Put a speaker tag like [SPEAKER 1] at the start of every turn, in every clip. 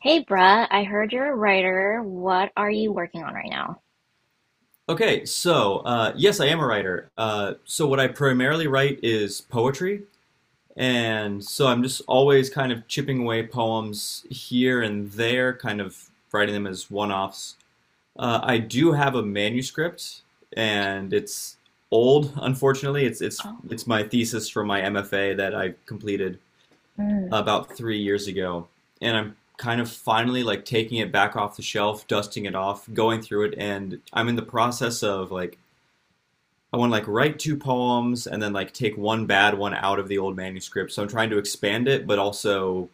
[SPEAKER 1] Hey, bruh, I heard you're a writer. What are you working on right now?
[SPEAKER 2] Okay, so yes, I am a writer. So what I primarily write is poetry, and so I'm just always kind of chipping away poems here and there, kind of writing them as one-offs. I do have a manuscript, and it's old, unfortunately. It's it's
[SPEAKER 1] Oh,
[SPEAKER 2] it's my thesis for my MFA that I completed
[SPEAKER 1] mm.
[SPEAKER 2] about 3 years ago, and I'm kind of finally like taking it back off the shelf, dusting it off, going through it, and I'm in the process of like I want to like write two poems and then like take one bad one out of the old manuscript. So I'm trying to expand it, but also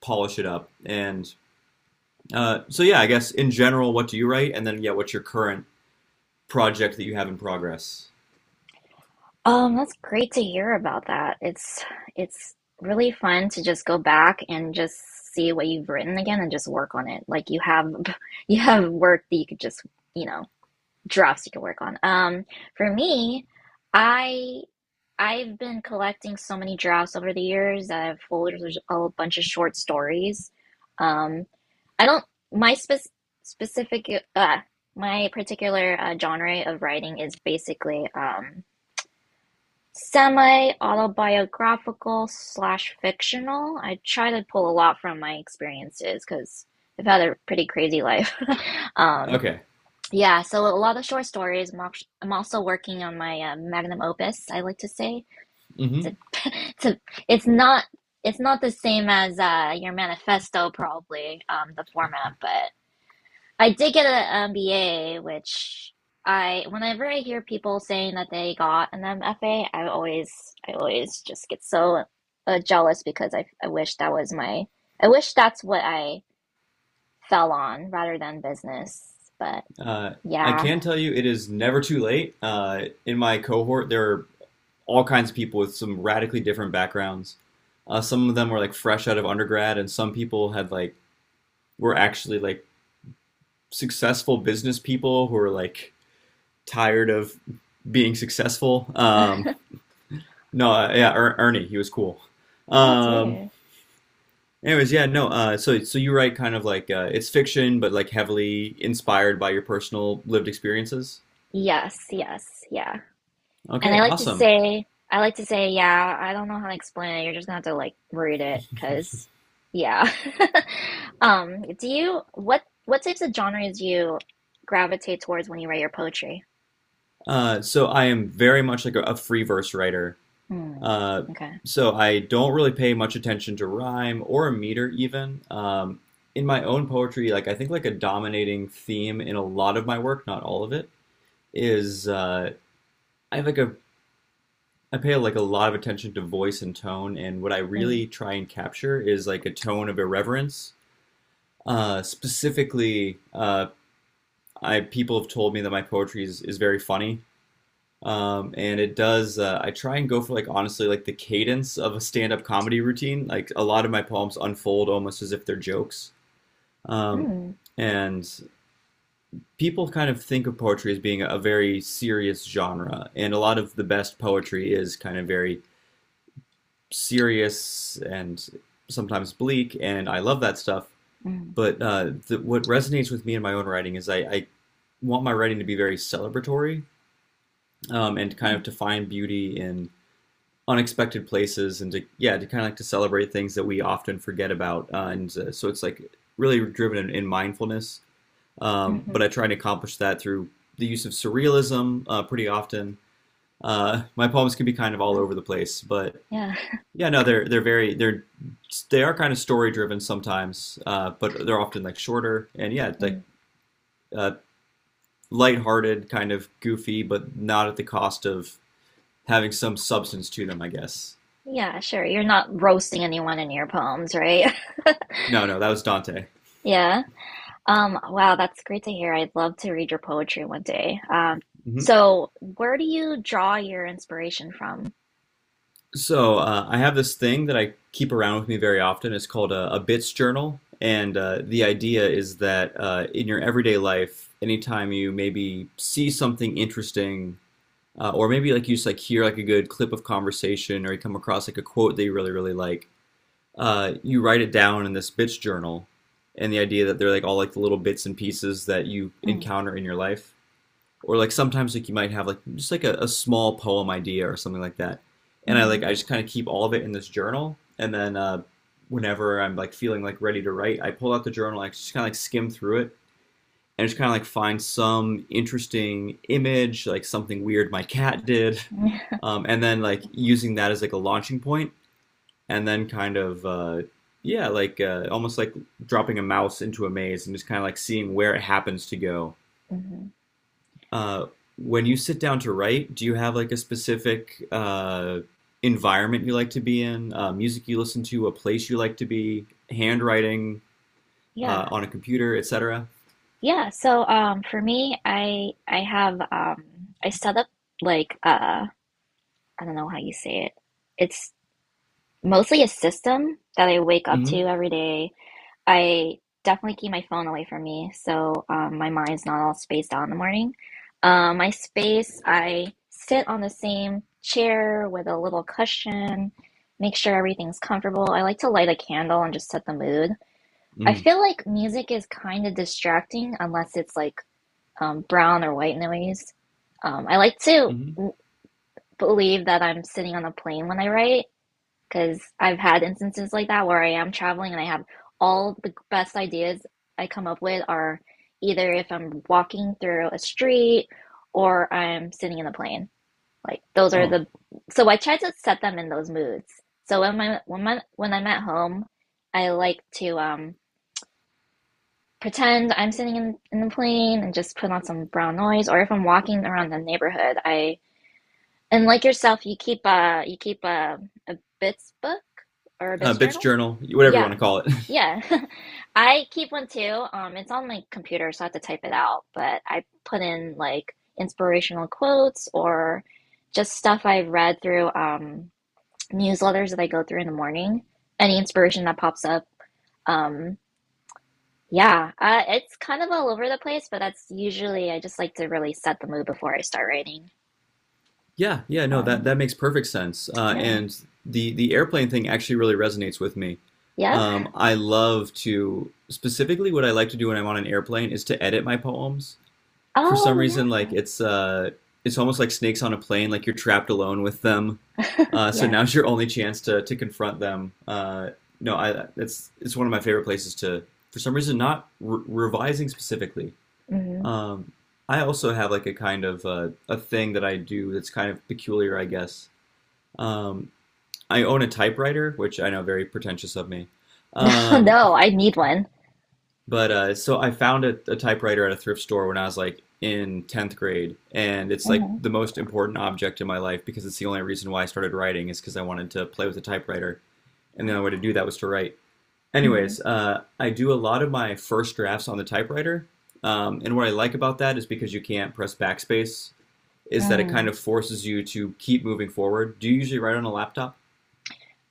[SPEAKER 2] polish it up. And so yeah, I guess in general, what do you write? And then yeah, what's your current project that you have in progress?
[SPEAKER 1] That's great to hear about that. It's really fun to just go back and just see what you've written again and just work on it. Like you have you have work that you could just, you know, drafts you could work on. For me, I I've been collecting so many drafts over the years. I have folders of a bunch of short stories. Um, I don't my spec Specific uh my particular genre of writing is basically semi autobiographical slash fictional. I try to pull a lot from my experiences because I've had a pretty crazy life. Um
[SPEAKER 2] Okay.
[SPEAKER 1] yeah, so a lot of short stories. I'm also working on my magnum opus, I like to say.
[SPEAKER 2] Hmm.
[SPEAKER 1] it's a, it's not it's not the same as your manifesto probably, the format, but. I did get an MBA, which whenever I hear people saying that they got an MFA, I always just get so jealous because I wish that was I wish that's what I fell on rather than business. But
[SPEAKER 2] Uh, I
[SPEAKER 1] yeah.
[SPEAKER 2] can tell you it is never too late. In my cohort, there are all kinds of people with some radically different backgrounds. Some of them were like fresh out of undergrad, and some people had like were actually like successful business people who were like tired of being successful. No, yeah, Ernie, he was cool.
[SPEAKER 1] Oh, that's
[SPEAKER 2] Um,
[SPEAKER 1] weird.
[SPEAKER 2] Anyways, yeah, no. So you write kind of like it's fiction, but like heavily inspired by your personal lived experiences.
[SPEAKER 1] Yes, yes, yeah. And
[SPEAKER 2] Okay,
[SPEAKER 1] I like to
[SPEAKER 2] awesome.
[SPEAKER 1] say, I like to say, yeah, I don't know how to explain it. You're just gonna have to like read it, cause yeah. Do you what types of genres do you gravitate towards when you write your poetry?
[SPEAKER 2] So I am very much like a free verse writer.
[SPEAKER 1] Mm,
[SPEAKER 2] Uh,
[SPEAKER 1] okay.
[SPEAKER 2] so I don't really pay much attention to rhyme or meter even. In my own poetry, like I think like a dominating theme in a lot of my work, not all of it, is I have like a I pay like a lot of attention to voice and tone, and what I
[SPEAKER 1] Mm,
[SPEAKER 2] really try and capture is like a tone of irreverence. Specifically, I people have told me that my poetry is very funny, and it does. I try and go for like honestly like the cadence of a stand-up comedy routine. Like a lot of my poems unfold almost as if they're jokes, um,
[SPEAKER 1] mm,
[SPEAKER 2] and people kind of think of poetry as being a very serious genre, and a lot of the best poetry is kind of very serious and sometimes bleak, and I love that stuff.
[SPEAKER 1] mm,
[SPEAKER 2] But the, what resonates with me in my own writing is I want my writing to be very celebratory and kind
[SPEAKER 1] mm,
[SPEAKER 2] of to find beauty in unexpected places and to yeah to kind of like to celebrate things that we often forget about and so it's like really driven in mindfulness but I
[SPEAKER 1] mm-hmm.
[SPEAKER 2] try to accomplish that through the use of surrealism pretty often my poems can be kind of all
[SPEAKER 1] Well,
[SPEAKER 2] over the place but
[SPEAKER 1] yeah.
[SPEAKER 2] yeah, no, they're very they are kind of story driven sometimes, but they're often like shorter and yeah, like
[SPEAKER 1] Mm.
[SPEAKER 2] uh, lighthearted, kind of goofy, but not at the cost of having some substance to them, I guess.
[SPEAKER 1] Yeah, sure. You're not roasting anyone in your poems, right?
[SPEAKER 2] No, no, that was Dante.
[SPEAKER 1] Yeah. Wow, that's great to hear. I'd love to read your poetry one day.
[SPEAKER 2] Hmm.
[SPEAKER 1] So where do you draw your inspiration from?
[SPEAKER 2] So I have this thing that I keep around with me very often. It's called a bits journal, and the idea is that in your everyday life, anytime you maybe see something interesting or maybe like you just like hear like a good clip of conversation or you come across like a quote that you really really like you write it down in this bits journal and the idea that they're like all like the little bits and pieces that you
[SPEAKER 1] Mm,
[SPEAKER 2] encounter in your life or like sometimes like you might have like just like a small poem idea or something like that and i
[SPEAKER 1] mhm,
[SPEAKER 2] like i just kind of keep all of it in this journal and then whenever I'm like feeling like ready to write I pull out the journal I just kind of like skim through it and just kind of like find some interesting image, like something weird my cat did, and then like using that as like a launching point, and then kind of yeah, like almost like dropping a mouse into a maze and just kind of like seeing where it happens to go.
[SPEAKER 1] mhm.
[SPEAKER 2] Uh, when you sit down to write, do you have like a specific environment you like to be in, music you listen to, a place you like to be, handwriting
[SPEAKER 1] Yeah.
[SPEAKER 2] on a computer, etc.?
[SPEAKER 1] Yeah. So for me I have I set up like uh I don't know how you say it. It's mostly a system that I wake up to
[SPEAKER 2] Mm-hmm.
[SPEAKER 1] every day. I definitely keep my phone away from me, so my mind's not all spaced out in the morning. My space, I sit on the same chair with a little cushion, make sure everything's comfortable. I like to light a candle and just set the mood. I feel like music is kind of distracting unless it's like brown or white noise. I like to
[SPEAKER 2] Mm-hmm.
[SPEAKER 1] believe that I'm sitting on a plane when I write, because I've had instances like that where I am traveling and I have all the best ideas I come up with are either if I'm walking through a street or I'm sitting in a plane. Like those are
[SPEAKER 2] Oh,
[SPEAKER 1] the, so I try to set them in those moods. So when I'm at home, I like to pretend I'm sitting in the plane and just put on some brown noise, or if I'm walking around the neighborhood, I, and like yourself, you keep a a bits book or a bits
[SPEAKER 2] bitch
[SPEAKER 1] journal.
[SPEAKER 2] journal, whatever you want
[SPEAKER 1] Yeah,
[SPEAKER 2] to call it.
[SPEAKER 1] yeah, I keep one too. It's on my computer, so I have to type it out. But I put in like inspirational quotes or just stuff I've read through newsletters that I go through in the morning. Any inspiration that pops up. Um, yeah, it's kind of all over the place, but that's usually, I just like to really set the mood before I start writing.
[SPEAKER 2] Yeah, yeah, no, that
[SPEAKER 1] Um,
[SPEAKER 2] that makes perfect sense.
[SPEAKER 1] yeah,
[SPEAKER 2] And the airplane thing actually really resonates with me.
[SPEAKER 1] yeah.
[SPEAKER 2] I love to specifically what I like to do when I'm on an airplane is to edit my poems. For some
[SPEAKER 1] Oh,
[SPEAKER 2] reason,
[SPEAKER 1] yeah,
[SPEAKER 2] like it's almost like snakes on a plane, like you're trapped alone with them. So
[SPEAKER 1] yeah.
[SPEAKER 2] now's your only chance to confront them. No, I it's one of my favorite places to. For some reason, not revising specifically.
[SPEAKER 1] hmm
[SPEAKER 2] Um, I also have like a kind of a thing that I do that's kind of peculiar, I guess. Um, I own a typewriter, which I know very pretentious of me. Um,
[SPEAKER 1] No, I need one.
[SPEAKER 2] but so I found a typewriter at a thrift store when I was like in 10th grade, and it's like
[SPEAKER 1] Hmm
[SPEAKER 2] the most important object in my life because it's the only reason why I started writing is because I wanted to play with a typewriter, and
[SPEAKER 1] Oh,
[SPEAKER 2] the
[SPEAKER 1] wow.
[SPEAKER 2] only way to do that was to write.
[SPEAKER 1] hmm
[SPEAKER 2] Anyways, I do a lot of my first drafts on the typewriter, and what I like about that is because you can't press backspace is that it kind
[SPEAKER 1] Mm.
[SPEAKER 2] of forces you to keep moving forward. Do you usually write on a laptop?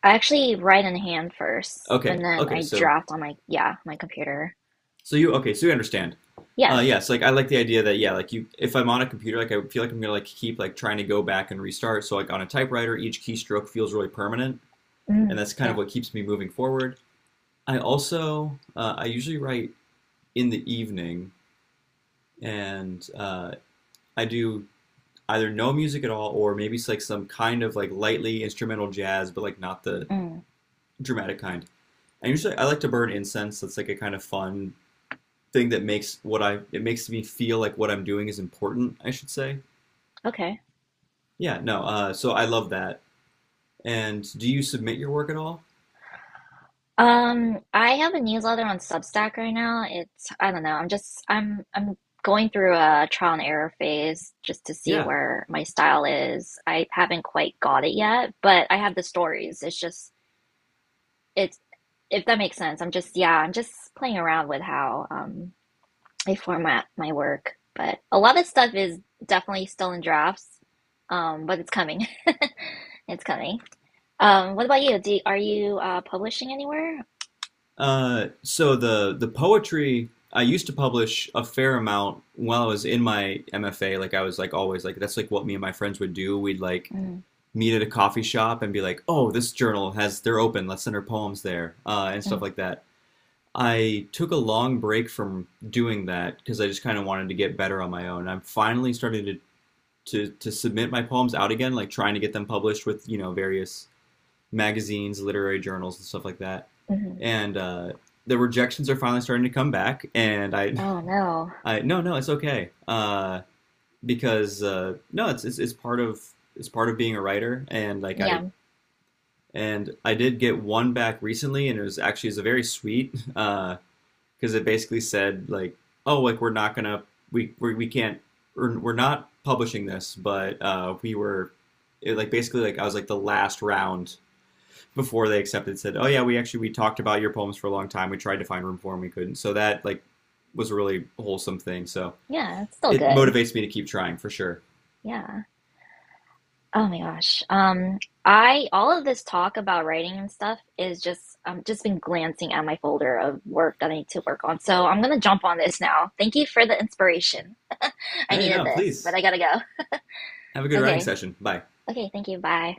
[SPEAKER 1] I actually write in hand first, and
[SPEAKER 2] Okay,
[SPEAKER 1] then
[SPEAKER 2] okay,
[SPEAKER 1] I
[SPEAKER 2] so
[SPEAKER 1] draft on my, yeah, my computer.
[SPEAKER 2] so you okay, so you understand.
[SPEAKER 1] Yeah.
[SPEAKER 2] Yes, like I like the idea that yeah, like you, if I'm on a computer, like I feel like I'm gonna like keep like trying to go back and restart. So like on a typewriter, each keystroke feels really permanent, and
[SPEAKER 1] Mm.
[SPEAKER 2] that's kind of
[SPEAKER 1] Yep.
[SPEAKER 2] what keeps me moving forward. I also I usually write in the evening, and I do either no music at all or maybe it's like some kind of like lightly instrumental jazz, but like not the
[SPEAKER 1] Mm.
[SPEAKER 2] dramatic kind. I like to burn incense. That's like a kind of fun thing that makes what I it makes me feel like what I'm doing is important, I should say.
[SPEAKER 1] Okay.
[SPEAKER 2] Yeah, no. So I love that. And do you submit your work at all?
[SPEAKER 1] I have a newsletter on Substack right now. It's, I don't know. I'm just I'm going through a trial and error phase just to see
[SPEAKER 2] Yeah.
[SPEAKER 1] where my style is. I haven't quite got it yet, but I have the stories. It's just it's If that makes sense. I'm just playing around with how I format my work. But a lot of stuff is definitely still in drafts. But it's coming. It's coming. What about you? Are you publishing anywhere?
[SPEAKER 2] So the poetry I used to publish a fair amount while I was in my MFA. Like I was like always like that's like what me and my friends would do. We'd like
[SPEAKER 1] Mm,
[SPEAKER 2] meet at a coffee shop and be like, oh, this journal has they're open. Let's send our poems there, and stuff
[SPEAKER 1] mm,
[SPEAKER 2] like that. I took a long break from doing that because I just kind of wanted to get better on my own. I'm finally starting to submit my poems out again, like trying to get them published with various magazines, literary journals, and stuff like that.
[SPEAKER 1] mhm.
[SPEAKER 2] And the rejections are finally starting to come back. And
[SPEAKER 1] Oh no.
[SPEAKER 2] I no, no, it's okay, because no, it's part of being a writer. And like I
[SPEAKER 1] Yeah.
[SPEAKER 2] and I did get one back recently, and it was actually it's a very sweet. Because it basically said like, oh, like we're not gonna we can't we're not publishing this, but we were it, like basically like I was like the last round before they accepted said, oh yeah, we talked about your poems for a long time. We tried to find room for them, we couldn't. So that like was a really wholesome thing. So
[SPEAKER 1] Yeah, it's still
[SPEAKER 2] it
[SPEAKER 1] good.
[SPEAKER 2] motivates me to keep trying for sure.
[SPEAKER 1] Yeah. Oh my gosh. I, all of this talk about writing and stuff is just been glancing at my folder of work that I need to work on. So I'm gonna jump on this now. Thank you for the inspiration. I
[SPEAKER 2] Hey,
[SPEAKER 1] needed
[SPEAKER 2] no,
[SPEAKER 1] this, but
[SPEAKER 2] please
[SPEAKER 1] I gotta go.
[SPEAKER 2] have a good writing
[SPEAKER 1] Okay.
[SPEAKER 2] session. Bye.
[SPEAKER 1] Okay, thank you. Bye.